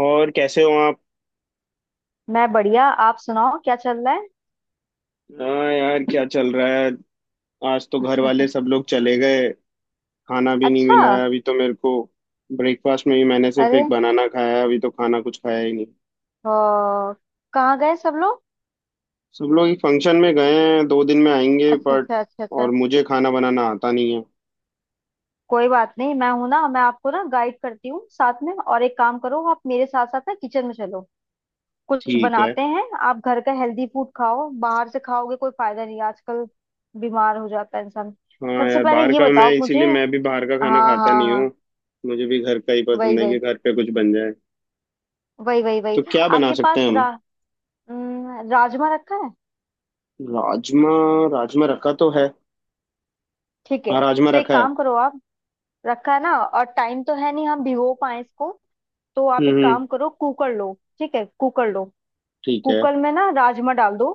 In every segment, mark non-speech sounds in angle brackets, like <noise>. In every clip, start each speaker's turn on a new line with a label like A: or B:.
A: और कैसे हो आप।
B: मैं बढ़िया। आप सुनाओ, क्या चल रहा है?
A: हाँ यार क्या चल रहा है। आज तो घर वाले सब
B: <laughs>
A: लोग चले गए। खाना भी नहीं
B: अच्छा।
A: मिला है अभी तो मेरे को। ब्रेकफास्ट में ही मैंने सिर्फ
B: अरे
A: एक बनाना खाया है अभी तो खाना कुछ खाया ही नहीं।
B: ओ, कहाँ गए सब लोग?
A: सब लोग एक फंक्शन में गए हैं दो दिन में आएंगे
B: अच्छा,
A: बट।
B: अच्छा, अच्छा,
A: और
B: अच्छा।
A: मुझे खाना बनाना आता नहीं है।
B: कोई बात नहीं, मैं हूं ना। मैं आपको ना गाइड करती हूँ साथ में, और एक काम करो, आप मेरे साथ साथ ना किचन में चलो। कुछ
A: ठीक है।
B: बनाते हैं। आप घर का हेल्दी फूड खाओ, बाहर से खाओगे कोई फायदा नहीं, आजकल बीमार हो जाता है इंसान।
A: हाँ
B: सबसे
A: यार
B: पहले
A: बाहर
B: ये
A: का मैं
B: बताओ मुझे।
A: इसीलिए मैं भी बाहर का खाना
B: हाँ,
A: खाता
B: हाँ,
A: नहीं हूँ।
B: हाँ।
A: मुझे भी घर का ही पसंद
B: वही,
A: है कि
B: वही।
A: घर पे कुछ बन जाए।
B: वही, वही, वही।
A: तो क्या बना
B: आपके
A: सकते
B: पास
A: हैं हम।
B: राजमा रखा है।
A: राजमा। राजमा रखा तो है।
B: ठीक है,
A: हाँ राजमा
B: तो एक
A: रखा है।
B: काम करो आप। रखा है ना, और टाइम तो है नहीं हम भिगो पाए इसको। तो आप एक
A: हम्म।
B: काम करो, कुकर लो। ठीक है, कुकर लो।
A: ठीक है
B: कुकर में ना राजमा डाल दो।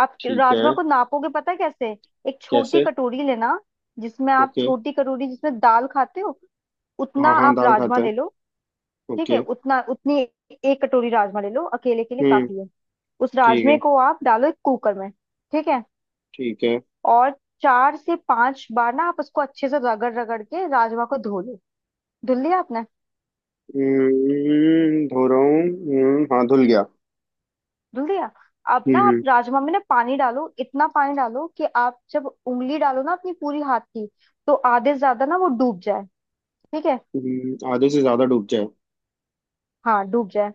B: आप
A: ठीक है।
B: राजमा को नापोगे, पता है कैसे? एक छोटी
A: कैसे।
B: कटोरी लेना, जिसमें आप,
A: ओके।
B: छोटी कटोरी जिसमें दाल खाते हो, उतना
A: हाँ हाँ
B: आप
A: दाल
B: राजमा
A: खाते हैं।
B: ले लो। ठीक
A: ओके।
B: है, उतना, उतनी एक कटोरी राजमा ले लो, अकेले के लिए
A: हम्म।
B: काफी है। उस
A: ठीक
B: राजमे
A: है
B: को आप डालो एक कुकर में, ठीक है।
A: ठीक है।
B: और 4 से 5 बार ना आप उसको अच्छे से रगड़ रगड़ के राजमा को धो लो। धुल लिया आपने?
A: धो रहा हूँ। हाँ धुल गया।
B: धुल दिया। अब ना आप
A: हम्म
B: राजमा में ना पानी डालो। इतना पानी डालो कि आप जब उंगली डालो ना अपनी पूरी हाथ की, तो आधे से ज्यादा ना वो डूब जाए। ठीक है?
A: हम्म। आधे से ज्यादा डूब जाए।
B: हाँ, डूब जाए।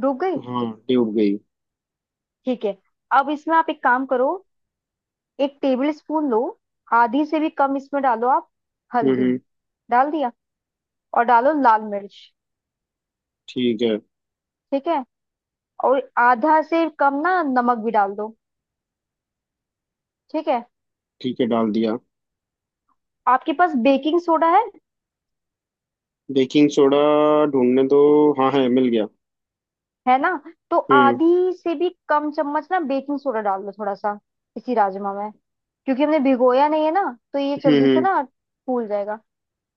B: डूब गई?
A: हाँ डूब गई।
B: ठीक है। अब इसमें आप एक काम करो। एक टेबल स्पून लो, आधी से भी कम इसमें डालो आप हल्दी।
A: हम्म।
B: डाल दिया? और डालो लाल मिर्च।
A: ठीक है
B: ठीक है। और आधा से कम ना नमक भी डाल दो। ठीक है।
A: ठीक है डाल दिया।
B: आपके पास बेकिंग सोडा है?
A: Baking soda. ढूंढने दो। हाँ है मिल गया।
B: है ना? तो
A: हम्म
B: आधी से भी कम चम्मच ना बेकिंग सोडा डाल दो, थोड़ा सा, इसी राजमा में। क्योंकि हमने भिगोया नहीं है ना, तो ये
A: हम्म।
B: जल्दी से ना फूल जाएगा।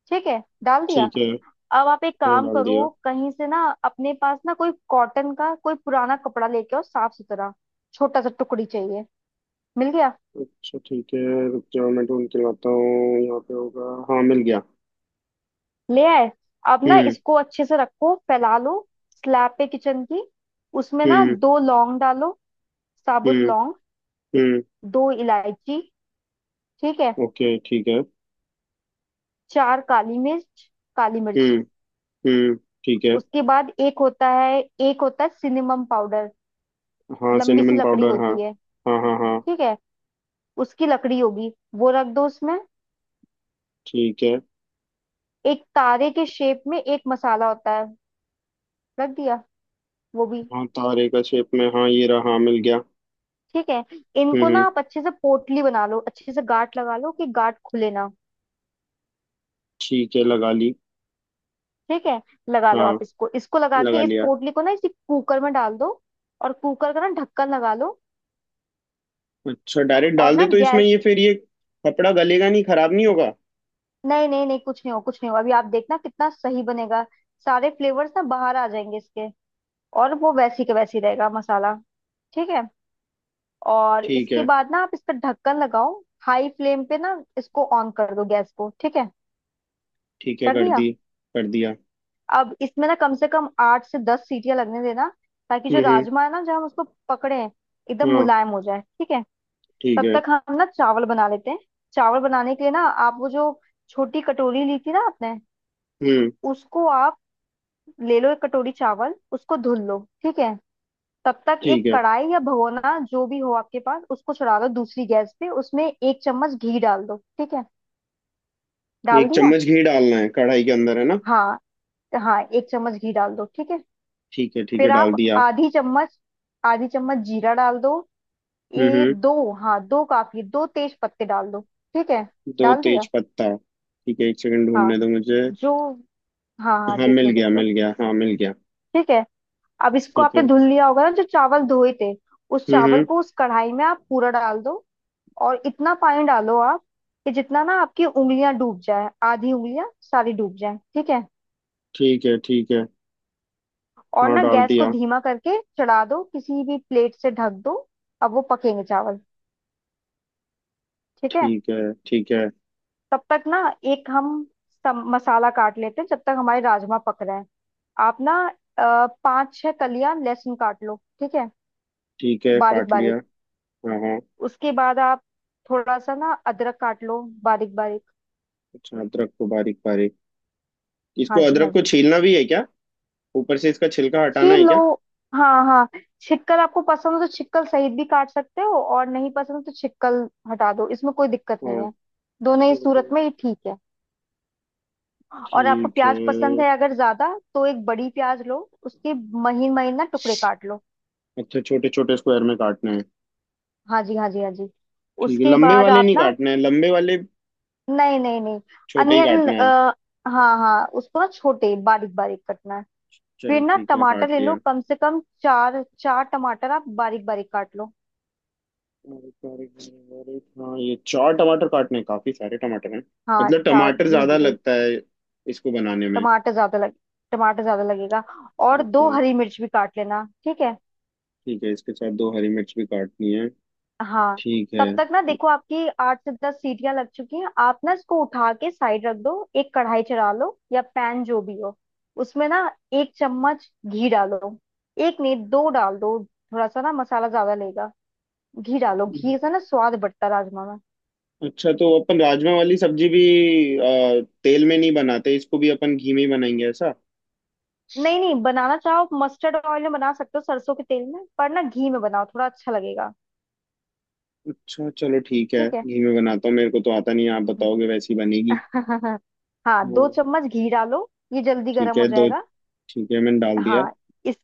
B: ठीक है, डाल दिया।
A: ठीक है।
B: अब आप एक
A: हाँ
B: काम
A: डाल दिया।
B: करो, कहीं से ना अपने पास ना कोई कॉटन का कोई पुराना कपड़ा लेके आओ, साफ सुथरा, छोटा सा टुकड़ी चाहिए। मिल गया?
A: अच्छा ठीक है। रुक जाओ मैं ढूंढ के लाता हूँ यहाँ पे होगा हाँ मिल गया।
B: ले आए? अब ना
A: हम्म।
B: इसको अच्छे से रखो, फैला लो स्लैब पे किचन की। उसमें ना
A: हम्म।
B: दो लौंग डालो, साबुत
A: हम्म
B: लौंग।
A: हम्म।
B: दो इलायची। ठीक है।
A: ओके ठीक है।
B: चार काली मिर्च, काली मिर्च।
A: हम्म हम्म। ठीक है।
B: उसके बाद एक होता है सिनेमम पाउडर।
A: हाँ
B: लंबी सी
A: सिनेमन
B: लकड़ी
A: पाउडर हाँ।
B: होती है।
A: हाँ हाँ हाँ।
B: ठीक है। उसकी लकड़ी होगी, वो रख दो उसमें।
A: ठीक है।
B: एक तारे के शेप में एक मसाला होता है। रख दिया? वो भी।
A: हाँ तारे का शेप में हाँ ये रहा हाँ मिल गया।
B: ठीक है। इनको
A: हम्म।
B: ना आप अच्छे से पोटली बना लो, अच्छे से गांठ लगा लो कि गांठ खुले ना।
A: ठीक है लगा ली।
B: ठीक है, लगा लो आप।
A: हाँ
B: इसको इसको लगा
A: लगा
B: के इस
A: लिया।
B: पोटली को ना इसी कुकर में डाल दो। और कुकर का ना ढक्कन लगा लो।
A: अच्छा डायरेक्ट
B: और
A: डाल दे
B: ना
A: तो इसमें
B: गैस।
A: ये फिर ये कपड़ा गलेगा नहीं खराब नहीं होगा।
B: नहीं, नहीं, नहीं, कुछ नहीं हो कुछ नहीं हो, अभी आप देखना कितना सही बनेगा। सारे फ्लेवर्स ना बाहर आ जाएंगे इसके। और वो वैसी के वैसी रहेगा मसाला। ठीक है। और
A: ठीक
B: इसके
A: है
B: बाद ना आप इस पर ढक्कन लगाओ। हाई फ्लेम पे ना इसको ऑन कर दो गैस को। ठीक है,
A: ठीक है
B: कर
A: कर
B: दिया?
A: दी। कर दिया।
B: अब इसमें ना कम से कम 8 से 10 सीटियां लगने देना। ताकि जो
A: हम्म।
B: राजमा है ना जब हम उसको पकड़े हैं, एकदम
A: हाँ।
B: मुलायम हो जाए। ठीक है।
A: ठीक
B: तब
A: है।
B: तक हम ना चावल बना लेते हैं। चावल बनाने के लिए ना, आप वो जो छोटी कटोरी ली थी ना आपने,
A: हम्म।
B: उसको आप ले लो एक कटोरी चावल, उसको धुल लो। ठीक है। तब तक
A: ठीक
B: एक
A: है।
B: कढ़ाई या भगोना जो भी हो आपके पास, उसको चढ़ा दो दूसरी गैस पे, उसमें एक चम्मच घी डाल दो। ठीक है, डाल
A: एक
B: दिया।
A: चम्मच घी डालना है कढ़ाई के अंदर है ना।
B: हाँ, हाँ, एक चम्मच घी डाल दो। ठीक है।
A: ठीक है
B: फिर
A: डाल
B: आप
A: दिया।
B: आधी चम्मच आधी चम्मच जीरा डाल दो। ये
A: हम्म।
B: दो, हाँ, दो काफी। दो तेज पत्ते डाल दो। ठीक है,
A: दो
B: डाल
A: तेज
B: दिया।
A: पत्ता ठीक है एक सेकंड
B: हाँ,
A: ढूंढने दो मुझे।
B: जो हाँ, हाँ,
A: हाँ
B: देख लो, देख लो।
A: मिल गया हाँ मिल गया।
B: ठीक है। अब इसको
A: ठीक
B: आपने
A: है।
B: धुल लिया होगा ना, जो चावल धोए थे, उस
A: हम्म
B: चावल
A: हम्म,
B: को उस कढ़ाई में आप पूरा डाल दो। और इतना पानी डालो आप, कि जितना ना आपकी उंगलियां डूब जाए, आधी उंगलियां सारी डूब जाए। ठीक है।
A: ठीक है ठीक है।
B: और
A: हाँ
B: ना
A: डाल
B: गैस को
A: दिया।
B: धीमा करके चढ़ा दो, किसी भी प्लेट से ढक दो। अब वो पकेंगे चावल। ठीक है।
A: ठीक है ठीक है।
B: तब तक ना, एक हम मसाला काट लेते हैं, जब तक हमारे राजमा पक रहे हैं। आप ना पाँच छह कलियां लहसुन काट लो। ठीक है,
A: ठीक है
B: बारीक
A: काट लिया।
B: बारीक।
A: हाँ हाँ।
B: उसके बाद आप थोड़ा सा ना अदरक काट लो बारीक बारीक।
A: अच्छा अदरक को बारीक बारीक। इसको
B: हाँ जी, हाँ
A: अदरक को
B: जी।
A: छीलना भी है क्या। ऊपर से इसका छिलका हटाना है
B: छीलो,
A: क्या।
B: हाँ हाँ। छिकल आपको पसंद हो तो छिकल सहित भी काट सकते हो, और नहीं पसंद हो तो छिकल हटा दो, इसमें कोई दिक्कत नहीं
A: हाँ।
B: है। दोनों ही सूरत
A: छोटे-
B: में ये ठीक है। और आपको
A: ठीक
B: प्याज पसंद
A: है।
B: है अगर ज्यादा, तो एक बड़ी प्याज लो, उसके महीन महीन ना टुकड़े काट लो।
A: अच्छा छोटे छोटे स्क्वायर में काटना है।
B: हाँ जी, हाँ जी, हाँ जी।
A: ठीक है
B: उसके
A: लंबे
B: बाद
A: वाले
B: आप
A: नहीं
B: ना,
A: काटना है लंबे वाले।
B: नहीं, नहीं, नहीं,
A: छोटे ही
B: अनियन
A: काटना है।
B: हाँ, हाँ, उसको ना छोटे बारीक बारीक कटना है।
A: चलो
B: फिर ना
A: ठीक है
B: टमाटर
A: काट
B: ले लो,
A: लिया।
B: कम से कम चार चार टमाटर आप बारीक बारीक काट लो।
A: और प्यारे प्यारे और हाँ ये चार टमाटर काटने हैं, काफी सारे टमाटर हैं।
B: हाँ,
A: मतलब
B: चार,
A: टमाटर
B: जी
A: ज्यादा
B: जी।
A: लगता है इसको बनाने में।
B: टमाटर ज्यादा लग टमाटर ज्यादा लगेगा। और दो
A: ओके।
B: हरी मिर्च भी काट लेना। ठीक है,
A: ठीक है इसके साथ दो हरी मिर्च भी काटनी है।
B: हाँ।
A: ठीक है।
B: तब तक ना देखो, आपकी 8 से 10 सीटियां लग चुकी हैं, आप ना इसको उठा के साइड रख दो। एक कढ़ाई चढ़ा लो या पैन जो भी हो, उसमें ना एक चम्मच घी डालो। एक नहीं दो डाल दो, थोड़ा सा ना मसाला ज्यादा लेगा। घी डालो, घी से ना स्वाद बढ़ता है राजमा में।
A: अच्छा तो अपन राजमा वाली सब्जी भी तेल में नहीं बनाते इसको भी अपन घी में ही बनाएंगे ऐसा।
B: नहीं, नहीं, बनाना चाहो मस्टर्ड ऑयल में बना सकते हो सरसों के तेल में, पर ना घी में बनाओ थोड़ा अच्छा लगेगा।
A: अच्छा चलो ठीक है
B: ठीक
A: घी में बनाता हूँ मेरे को तो आता नहीं है, आप बताओगे वैसी
B: है।
A: बनेगी।
B: <laughs> हाँ,
A: वो
B: दो चम्मच घी डालो ये जल्दी
A: ठीक
B: गर्म
A: है
B: हो
A: दो
B: जाएगा।
A: ठीक है मैंने डाल दिया।
B: हाँ। इस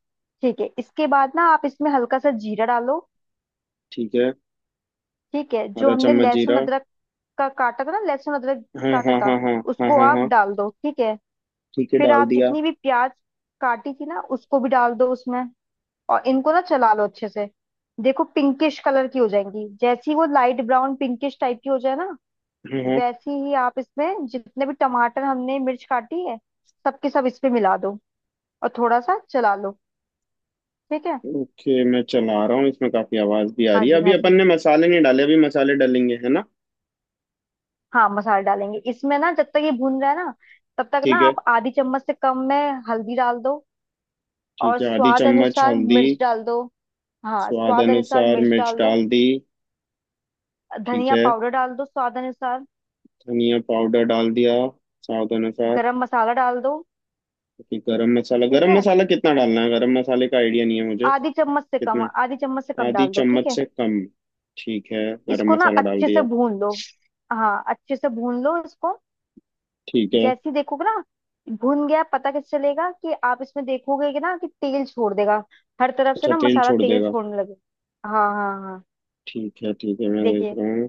B: ठीक है, इसके बाद ना आप इसमें हल्का सा जीरा डालो।
A: ठीक है।
B: ठीक है। जो
A: आधा
B: हमने
A: चम्मच
B: लहसुन
A: जीरा।
B: अदरक का काटा था ना, लहसुन अदरक
A: हाँ
B: काटा
A: हाँ
B: था,
A: हाँ हाँ। हाँ
B: उसको
A: हाँ
B: आप
A: हाँ।
B: डाल दो। ठीक है।
A: ठीक है
B: फिर
A: डाल
B: आप
A: दिया।
B: जितनी भी प्याज काटी थी ना उसको भी डाल दो उसमें। और इनको ना चला लो अच्छे से। देखो, पिंकिश कलर की हो जाएंगी, जैसी वो लाइट ब्राउन पिंकिश टाइप की हो जाए ना,
A: हाँ हाँ।
B: वैसी ही आप इसमें जितने भी टमाटर हमने मिर्च काटी है, सबके सब इस पे मिला दो। और थोड़ा सा चला लो। ठीक है।
A: ओके मैं चला रहा हूँ इसमें काफी आवाज भी आ
B: हाँ
A: रही है
B: जी,
A: अभी
B: हाँ
A: अपन
B: जी।
A: ने मसाले नहीं डाले अभी मसाले डालेंगे है ना।
B: हाँ, मसाला डालेंगे इसमें ना, जब तक ये भून रहा है ना, तब तक ना
A: ठीक है।
B: आप आधी चम्मच से कम में हल्दी डाल दो। और
A: ठीक है आधी
B: स्वाद
A: चम्मच
B: अनुसार
A: हल्दी।
B: मिर्च डाल दो। हाँ,
A: स्वाद
B: स्वाद अनुसार
A: अनुसार
B: मिर्च
A: मिर्च
B: डाल दो।
A: डाल दी। ठीक
B: धनिया
A: है।
B: पाउडर डाल दो स्वाद अनुसार।
A: धनिया पाउडर डाल दिया स्वाद अनुसार।
B: गरम मसाला डाल दो।
A: ओके,
B: ठीक
A: गरम
B: है,
A: मसाला कितना डालना है गरम मसाले का आइडिया नहीं है मुझे।
B: आधी चम्मच से कम,
A: कितना
B: आधी चम्मच से कम
A: आधी
B: डाल दो। ठीक
A: चम्मच
B: है।
A: से कम। ठीक है गरम
B: इसको ना
A: मसाला डाल
B: अच्छे से
A: दिया।
B: भून लो। हाँ, अच्छे से भून लो इसको।
A: ठीक है।
B: जैसे ही देखोगे ना भुन गया, पता कैसे चलेगा? कि आप इसमें देखोगे कि ना कि तेल छोड़ देगा, हर तरफ से
A: अच्छा
B: ना
A: तेल
B: मसाला
A: छोड़
B: तेल
A: देगा।
B: छोड़ने लगे। हाँ, हाँ, हाँ।
A: ठीक है मैं देख
B: देखिए,
A: रहा हूँ।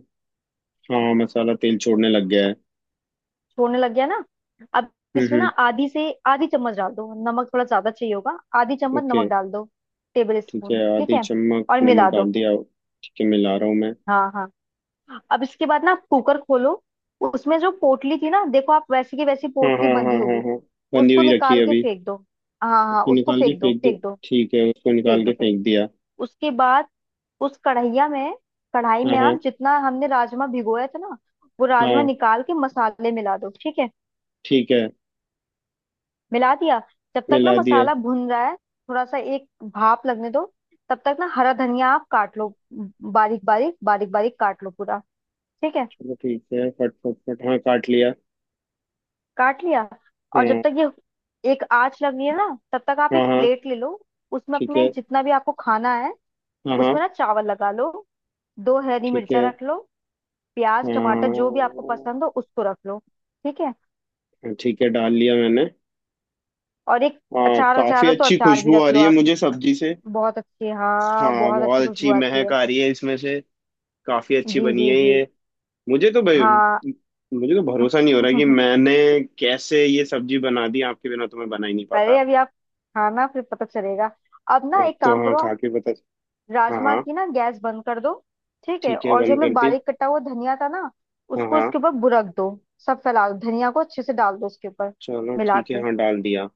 A: हाँ मसाला तेल छोड़ने लग गया है।
B: छोड़ने लग गया ना। अब इसमें ना
A: हम्म।
B: आधी से आधी चम्मच डाल दो नमक, थोड़ा ज्यादा चाहिए होगा, आधी चम्मच
A: ओके।
B: नमक डाल दो, टेबल
A: ठीक
B: स्पून।
A: है
B: ठीक
A: आधी
B: है,
A: चम्मच
B: और
A: नमक
B: मिला दो।
A: डाल दिया। ठीक है मिला रहा हूँ मैं।
B: हाँ, हाँ। अब इसके बाद ना कुकर खोलो, उसमें जो पोटली थी ना, देखो आप, वैसी की वैसी
A: हाँ
B: पोटली
A: हाँ हाँ
B: बंधी
A: हाँ
B: होगी।
A: हाँ। बंधी
B: उसको
A: हुई रखी
B: निकाल
A: है
B: के
A: अभी।
B: फेंक दो। हाँ, हाँ,
A: उसको
B: उसको
A: निकाल के
B: फेंक दो,
A: फेंक दो।
B: फेंक दो,
A: ठीक है उसको
B: फेंक
A: निकाल
B: दो,
A: के
B: फेंक।
A: फेंक दिया।
B: उसके बाद उस कढ़ैया में, कढ़ाई
A: हाँ
B: में,
A: हाँ।
B: आप जितना हमने राजमा भिगोया था ना, वो राजमा
A: हाँ।
B: निकाल के मसाले मिला दो। ठीक है,
A: ठीक है
B: मिला दिया। जब तक ना
A: मिला दिया।
B: मसाला भुन रहा है थोड़ा सा, एक भाप लगने दो। तब तक ना हरा धनिया आप काट लो, बारीक बारीक बारीक बारीक काट लो पूरा। ठीक है,
A: चलो ठीक है फट फट फट हाँ काट लिया।
B: काट लिया। और जब
A: हाँ
B: तक ये एक आंच लग रही है ना, तब तक आप
A: हाँ
B: एक
A: हाँ।
B: प्लेट ले लो। उसमें
A: ठीक
B: अपने
A: है।
B: जितना भी आपको खाना है,
A: हाँ हाँ।
B: उसमें ना चावल लगा लो, दो हरी
A: ठीक है।
B: मिर्चा रख लो। प्याज टमाटर जो
A: हाँ
B: भी आपको पसंद हो उसको रख लो। ठीक है।
A: हाँ, ठीक है डाल लिया मैंने।
B: और एक
A: हाँ
B: अचार, अचार
A: काफी
B: हो तो
A: अच्छी
B: अचार भी
A: खुशबू आ
B: रख लो
A: रही है
B: आप।
A: मुझे सब्जी से।
B: बहुत अच्छी, हाँ
A: हाँ
B: बहुत
A: बहुत
B: अच्छी खुशबू
A: अच्छी
B: आती है।
A: महक आ रही है इसमें से। काफी अच्छी
B: जी
A: बनी
B: जी
A: है
B: जी,
A: ये। मुझे तो भाई
B: हाँ।
A: मुझे तो
B: <laughs>
A: भरोसा नहीं हो रहा कि मैंने कैसे ये सब्जी बना दी आपके बिना तो मैं बना ही नहीं
B: पहले
A: पाता।
B: अभी आप खाना, फिर पता चलेगा। अब ना
A: अब
B: एक
A: तो
B: काम
A: हाँ
B: करो
A: खा
B: आप,
A: के पता। हाँ
B: राजमा
A: हाँ।
B: की ना गैस बंद कर दो। ठीक है,
A: ठीक है
B: और जो
A: बंद
B: मैं
A: कर दी।
B: बारीक कटा हुआ धनिया था ना,
A: हाँ
B: उसको
A: हाँ।
B: इसके ऊपर बुरक दो, सब फैला दो धनिया को, अच्छे से डाल दो उसके ऊपर,
A: चलो
B: मिला
A: ठीक
B: के।
A: है हाँ डाल दिया।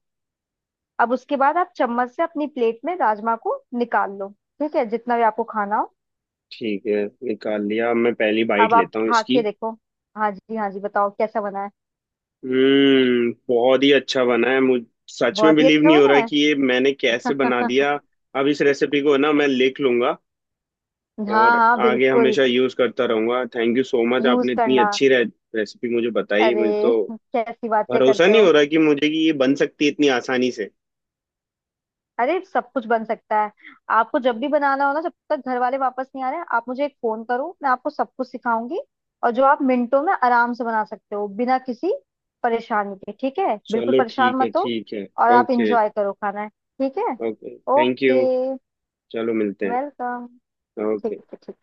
B: अब उसके बाद आप चम्मच से अपनी प्लेट में राजमा को निकाल लो। ठीक है, जितना भी आपको खाना हो।
A: ठीक है निकाल लिया अब मैं पहली बाइट
B: अब आप
A: लेता हूँ
B: खा के
A: इसकी।
B: देखो। हाँ जी, हाँ जी, बताओ कैसा बना है।
A: बहुत ही अच्छा बना है मुझ सच में
B: बहुत ही
A: बिलीव
B: अच्छा
A: नहीं हो
B: बना
A: रहा कि ये मैंने
B: है।
A: कैसे बना
B: <laughs>
A: दिया। अब इस रेसिपी को ना मैं लिख लूंगा
B: हाँ,
A: और
B: हाँ,
A: आगे
B: बिल्कुल,
A: हमेशा यूज करता रहूंगा thank you so much
B: use
A: आपने इतनी
B: करना।
A: अच्छी रेसिपी मुझे बताई
B: अरे,
A: मुझे तो
B: कैसी बातें
A: भरोसा
B: करते
A: नहीं
B: हो।
A: हो रहा कि मुझे कि ये बन सकती है इतनी आसानी से।
B: अरे, सब कुछ बन सकता है। आपको जब भी बनाना हो ना, जब तक घर वाले वापस नहीं आ रहे, आप मुझे एक फोन करो, मैं आपको सब कुछ सिखाऊंगी। और जो आप मिनटों में आराम से बना सकते हो बिना किसी परेशानी के। ठीक है, बिल्कुल
A: चलो
B: परेशान
A: ठीक है
B: मत हो।
A: ठीक है।
B: और आप
A: ओके।
B: इंजॉय करो खाना। ठीक है,
A: ओके थैंक यू।
B: ओके,
A: चलो मिलते हैं।
B: वेलकम। ठीक
A: ओके।
B: है, ठीक है।